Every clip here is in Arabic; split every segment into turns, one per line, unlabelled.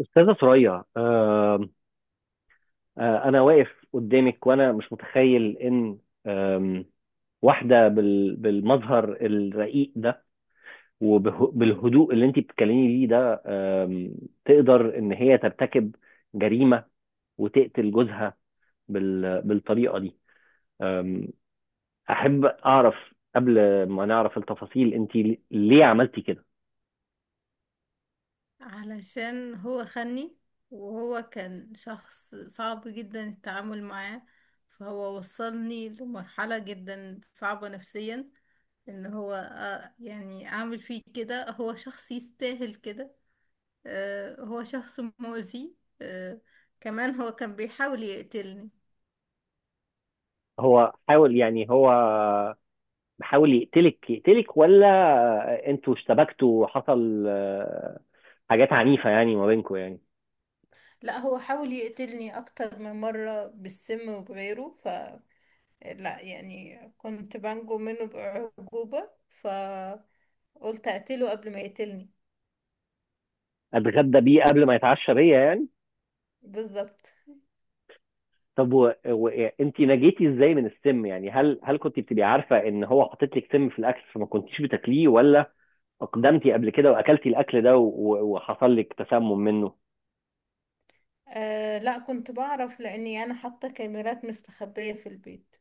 أستاذة ثريا، أنا واقف قدامك وأنا مش متخيل إن آم، واحدة بالمظهر الرقيق ده وبالهدوء اللي أنت بتتكلمي بيه ده، آم، تقدر إن هي ترتكب جريمة وتقتل جوزها بالطريقة دي. آم، أحب أعرف قبل ما نعرف التفاصيل، أنت ليه عملتي كده؟
علشان هو خني، وهو كان شخص صعب جدا التعامل معاه. فهو وصلني لمرحلة جدا صعبة نفسيا ان هو يعني اعمل فيه كده. هو شخص يستاهل كده. هو شخص مؤذي. آه، كمان هو كان بيحاول يقتلني.
هو حاول، يعني هو بحاول يقتلك، ولا انتوا اشتبكتوا حصل حاجات عنيفة يعني ما بينكم؟ يعني
لا هو حاول يقتلني اكتر من مرة بالسم وبغيره. لا يعني كنت بنجو منه بأعجوبة، فقلت أقتله قبل ما يقتلني.
اتغدى بيه قبل ما يتعشى بيا يعني.
بالظبط.
طب، وانت نجيتي ازاي من السم؟ يعني هل كنت بتبقي عارفة ان هو حاطط لك سم في الاكل فما كنتيش بتاكليه، ولا اقدمتي قبل كده واكلتي الاكل ده وحصل لك تسمم منه؟
آه لا، كنت بعرف لأني أنا حاطة كاميرات مستخبية في البيت.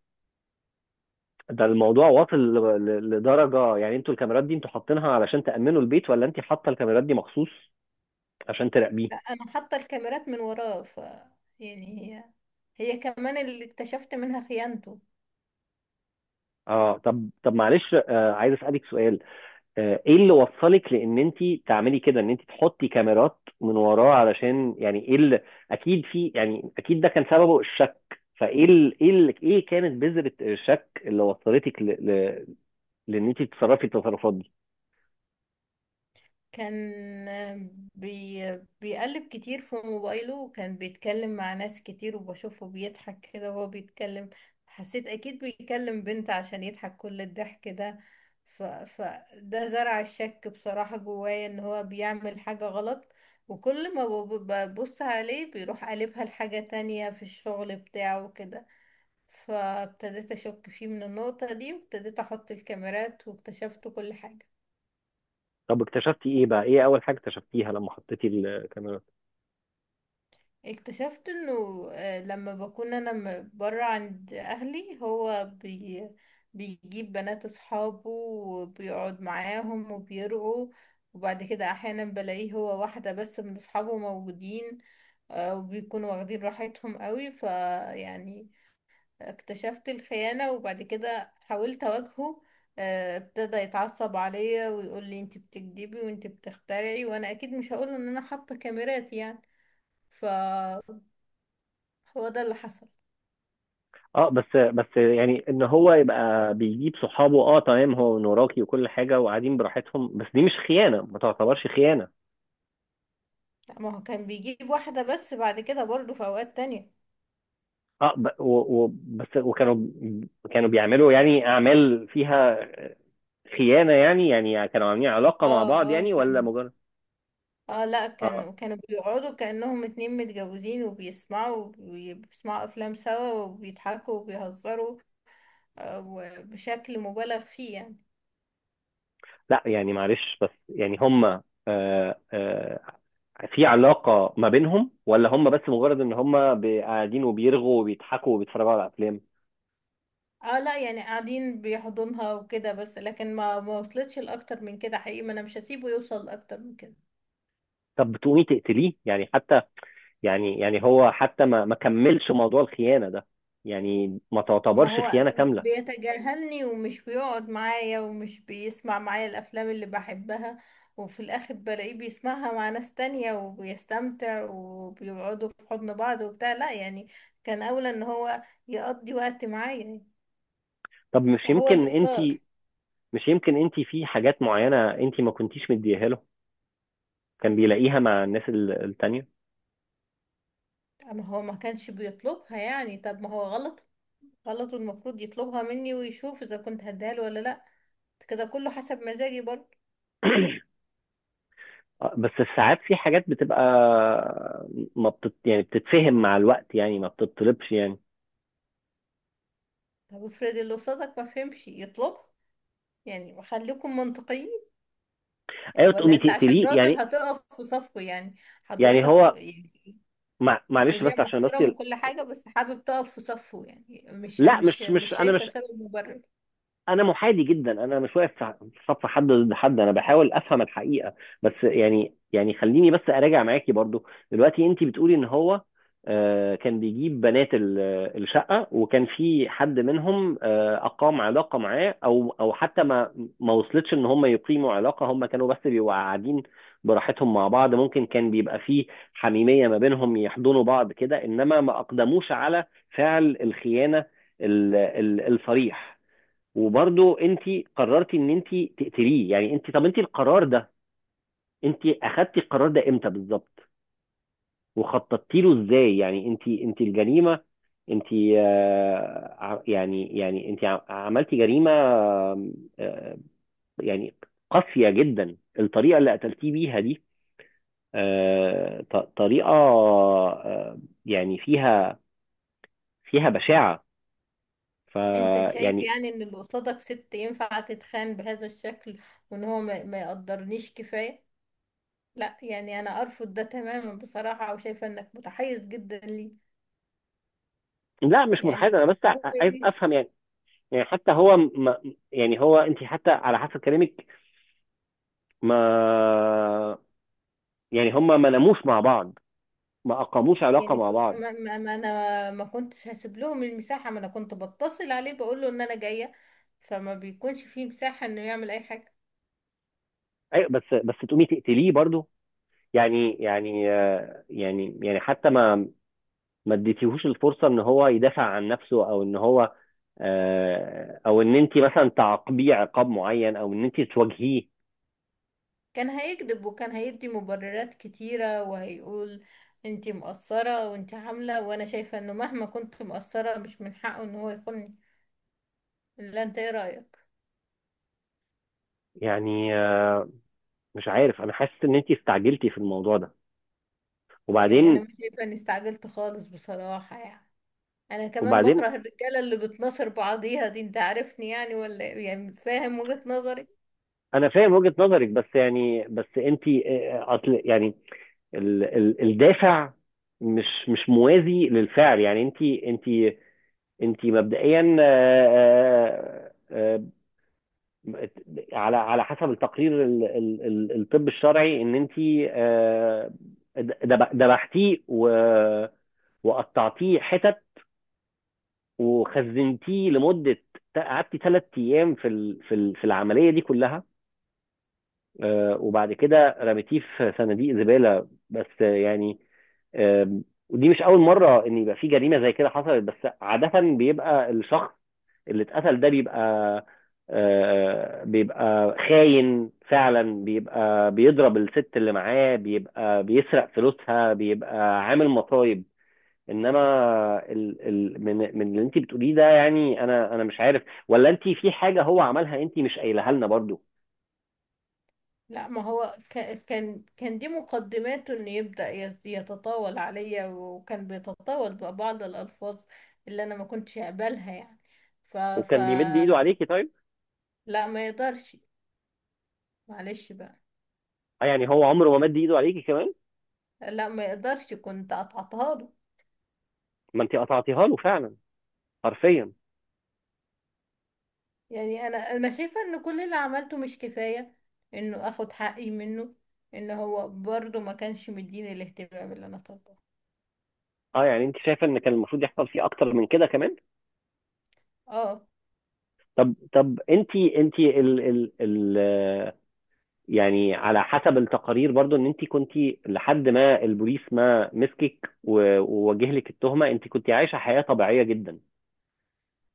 ده الموضوع واصل لدرجة؟ يعني انتوا الكاميرات دي انتوا حاطينها علشان تأمنوا البيت، ولا انت حاطة الكاميرات دي مخصوص عشان تراقبيه؟
لا أنا حاطة الكاميرات من وراه. ف يعني هي هي كمان اللي اكتشفت منها خيانته.
اه، طب، معلش، عايز اسالك سؤال. ايه اللي وصلك لان انت تعملي كده، ان انت تحطي كاميرات من وراه؟ علشان يعني ايه اللي اكيد في، يعني اكيد ده كان سببه الشك. فايه ايه ايه كانت بذرة الشك اللي وصلتك لان انت تتصرفي التصرفات دي؟
كان بي بيقلب كتير في موبايله، وكان بيتكلم مع ناس كتير، وبشوفه بيضحك كده وهو بيتكلم. حسيت أكيد بيكلم بنت عشان يضحك كل الضحك ده. ف... فده زرع الشك بصراحة جوايا إن هو بيعمل حاجة غلط. وكل ما ببص عليه بيروح قلبها لحاجة تانية في الشغل بتاعه كده. فابتديت أشك فيه من النقطة دي، وابتديت أحط الكاميرات، واكتشفت كل حاجة.
طب، اكتشفتي ايه بقى؟ ايه اول حاجة اكتشفتيها لما حطيتي الكاميرات؟
اكتشفت انه لما بكون انا برا عند اهلي هو بيجيب بنات اصحابه وبيقعد معاهم وبيرقوا. وبعد كده احيانا بلاقيه هو واحدة بس من اصحابه موجودين. وبيكونوا واخدين راحتهم قوي، فيعني اكتشفت الخيانة. وبعد كده حاولت اواجهه. ابتدى يتعصب عليا ويقول لي انت بتكدبي وانت بتخترعي، وانا اكيد مش هقول ان انا حاطة كاميرات يعني. هو ده اللي حصل.
اه، بس يعني ان هو يبقى بيجيب صحابه، اه تمام، هو من وراكي وكل حاجة، وقاعدين براحتهم، بس دي مش خيانة، ما تعتبرش خيانة.
لا ما هو كان بيجيب واحدة بس، بعد كده برضه في أوقات تانية.
اه بس، وكانوا كانوا بيعملوا يعني اعمال فيها خيانه يعني كانوا عاملين علاقه مع
اه.
بعض،
اه
يعني؟
كان.
ولا مجرد...
اه لا،
اه
كانوا بيقعدوا كأنهم اتنين متجوزين، وبيسمعوا وبيسمعوا أفلام سوا وبيضحكوا وبيهزروا. وبشكل مبالغ فيه يعني.
لا يعني، معلش بس، يعني هم آه آه في علاقه ما بينهم، ولا هم بس مجرد ان هم قاعدين وبيرغوا وبيضحكوا وبيتفرجوا على افلام؟
اه لا يعني قاعدين بيحضنها وكده بس، لكن ما وصلتش لأكتر من كده حقيقي. ما انا مش هسيبه يوصل لأكتر من كده.
طب بتقومي تقتليه يعني؟ حتى يعني، هو حتى ما كملش موضوع الخيانه ده، يعني ما
ما
تعتبرش
هو
خيانه كامله.
بيتجاهلني، ومش بيقعد معايا، ومش بيسمع معايا الافلام اللي بحبها، وفي الاخر بلاقيه بيسمعها مع ناس تانية وبيستمتع وبيقعدوا في حضن بعض وبتاع. لا يعني كان اولى ان هو يقضي وقت معايا.
طب،
هو اللي اختار.
مش يمكن انت في حاجات معينة انت ما كنتيش مديها له، كان بيلاقيها مع الناس التانية؟
اما هو ما كانش بيطلبها يعني. طب ما هو غلط. غلط، والمفروض يطلبها مني ويشوف اذا كنت هديها له ولا لا. كده كله حسب مزاجي برضه.
بس ساعات في حاجات بتبقى ما بتت... يعني بتتفهم مع الوقت، يعني ما بتطلبش يعني.
طب افرض اللي قصادك ما فهمش يطلبها. يعني خليكم منطقيين.
ايوه،
ولا
تقومي
انت عشان
تقتليه
راجل
يعني
هتقف في صفه يعني؟
يعني
حضرتك
هو
يعني
معلش
مذيع
بس، عشان بس.
محترم وكل حاجة، بس حابب تقف في صفه يعني. مش
لا،
مش
مش
مش
مش انا،
شايفة
مش
سبب مبرر.
انا محايد جدا، انا مش واقف في صف حد ضد حد، انا بحاول افهم الحقيقه. بس يعني، خليني بس اراجع معاكي برضو. دلوقتي انت بتقولي ان هو كان بيجيب بنات الشقه، وكان في حد منهم اقام علاقه معاه، او حتى ما وصلتش ان هم يقيموا علاقه، هم كانوا بس بيبقوا قاعدين براحتهم مع بعض، ممكن كان بيبقى فيه حميميه ما بينهم، يحضنوا بعض كده، انما ما اقدموش على فعل الخيانه الصريح. وبرضه انت قررتي ان انت تقتليه يعني؟ انت، طب انت القرار ده انت اخدتي القرار ده امتى بالظبط؟ وخططتي له ازاي؟ يعني انت الجريمه، انت يعني انت عملتي جريمه، آه، يعني قاسيه جدا الطريقه اللي قتلتيه بيها دي. طريقه يعني فيها فيها بشاعه.
انت شايف
فيعني...
يعني ان اللي قصادك ست ينفع تتخان بهذا الشكل، وان هو ما يقدرنيش كفاية؟ لا يعني انا ارفض ده تماما بصراحة، وشايفة انك متحيز جدا ليه.
لا مش متحيز،
يعني
انا بس
هو
عايز
ايه؟
افهم يعني. حتى هو ما يعني، هو انت حتى على حسب كلامك ما، يعني هما ما ناموش مع بعض، ما اقاموش علاقه
يعني
مع
ك-
بعض.
كمان ما ما انا ما كنتش هسيب لهم المساحة. ما انا كنت بتصل عليه بقول له ان انا جاية، فما بيكونش فيه مساحة انه يعمل اي حاجة.
ايوه، بس تقومي تقتليه برضو؟ يعني، يعني حتى ما اديتيهوش الفرصه ان هو يدافع عن نفسه، او ان هو او ان انت مثلا تعاقبيه عقاب معين، او ان انت تواجهيه.
كان هيكذب وكان هيدي مبررات كتيرة، وهيقول انتي مقصرة وانتي عاملة. وانا شايفة انه مهما كنت مقصرة مش من حقه ان هو يخوني. لا، انت ايه رأيك؟
يعني مش عارف، انا حاسس ان انت استعجلتي في الموضوع ده.
يعني انا
وبعدين،
مش شايفة اني استعجلت خالص بصراحة يعني. انا كمان
وبعدين
بكره الرجالة اللي بتناصر بعضيها دي. انت عارفني يعني ولا إيه؟ يعني فاهم وجهة نظري؟
انا فاهم وجهة نظرك، بس يعني، بس انت اصل يعني ال ال الدافع مش موازي للفعل. يعني، انت مبدئيا، آه، على حسب التقرير الطب الشرعي ان انت آه، دبحتيه وقطعتيه حتت، وخزنتيه لمدة، قعدتي 3 ايام في العملية دي كلها، وبعد كده رميتيه في صناديق زبالة بس. آه، يعني آم، ودي مش أول مرة إن يبقى في جريمة زي كده حصلت، بس عادة بيبقى الشخص اللي اتقتل ده بيبقى بيبقى خاين فعلا، بيبقى بيضرب الست اللي معاه، بيبقى بيسرق فلوسها، بيبقى عامل مصايب، انما ال ال من اللي انت بتقوليه ده، يعني انا مش عارف ولا انت في حاجه هو عملها انت مش قايلها لنا برضو.
لا ما هو كان دي مقدماته انه يبدأ يتطاول عليا، وكان بيتطاول ببعض الألفاظ اللي انا ما كنتش اقبلها يعني. ف ف
وكان بيمد ايده عليكي طيب؟
لا ما يقدرش. معلش بقى.
اه، يعني هو عمره ما مد ايده عليكي كمان،
لا ما يقدرش، كنت قطعتها له.
ما انت قطعتيها له فعلا، حرفيا.
يعني انا شايفة ان كل اللي عملته مش كفاية انه اخد حقي منه. ان هو برضه ما كانش مديني الاهتمام اللي انا طالباه.
اه يعني انت شايفه ان كان المفروض يحصل فيه اكتر من كده كمان؟
اه.
طب، انت ال ال ال يعني على حسب التقارير برضو، ان انت كنت لحد ما البوليس ما مسكك ووجه لك التهمه، انت كنت عايشه حياه طبيعيه جدا.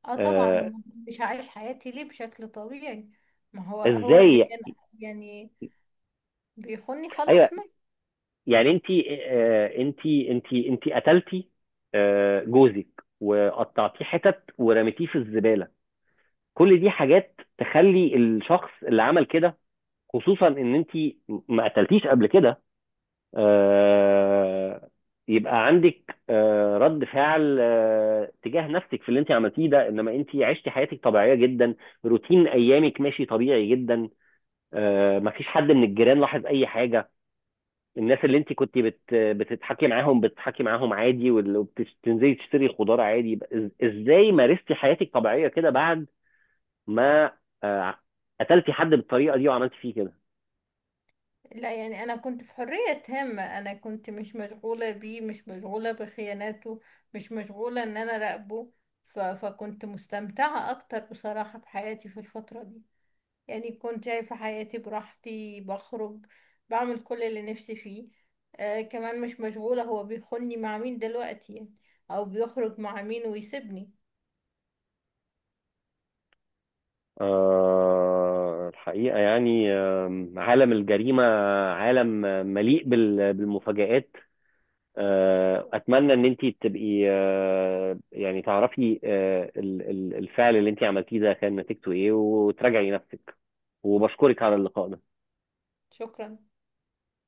اه
آه،
طبعا. مش عايش حياتي ليه بشكل طبيعي؟ ما هو هو اللي
ازاي؟
كان يعني بيخوني
ايوه،
خلاص ما.
يعني انت انت قتلتي جوزك وقطعتيه حتت ورميتيه في الزباله، كل دي حاجات تخلي الشخص اللي عمل كده، خصوصا ان انت ما قتلتيش قبل كده، آه، يبقى عندك رد فعل تجاه نفسك في اللي انت عملتيه ده. انما انت عشتي حياتك طبيعيه جدا، روتين ايامك ماشي طبيعي جدا، ما فيش حد من الجيران لاحظ اي حاجه، الناس اللي انت كنت بتتحكي معاهم، بتتحكي معاهم عادي، وبتنزلي تشتري خضار عادي. يبقى ازاي مارستي حياتك طبيعيه كده بعد ما آه، قتلتي حد بالطريقه دي وعملتي فيه كده؟
لا يعني انا كنت في حرية تامة. انا كنت مش مشغولة بيه، مش مشغولة بخياناته، مش مشغولة ان انا راقبه. ف... فكنت مستمتعة اكتر بصراحة بحياتي في الفترة دي. يعني كنت شايفة حياتي براحتي، بخرج، بعمل كل اللي نفسي فيه. آه كمان مش مشغولة هو بيخوني مع مين دلوقتي يعني، او بيخرج مع مين ويسيبني.
الحقيقه يعني، عالم الجريمه عالم مليء بالمفاجآت. اتمنى ان انت تبقي يعني تعرفي الفعل اللي انت عملتيه ده كان نتيجته ايه، وتراجعي نفسك. وبشكرك على اللقاء ده.
شكرا.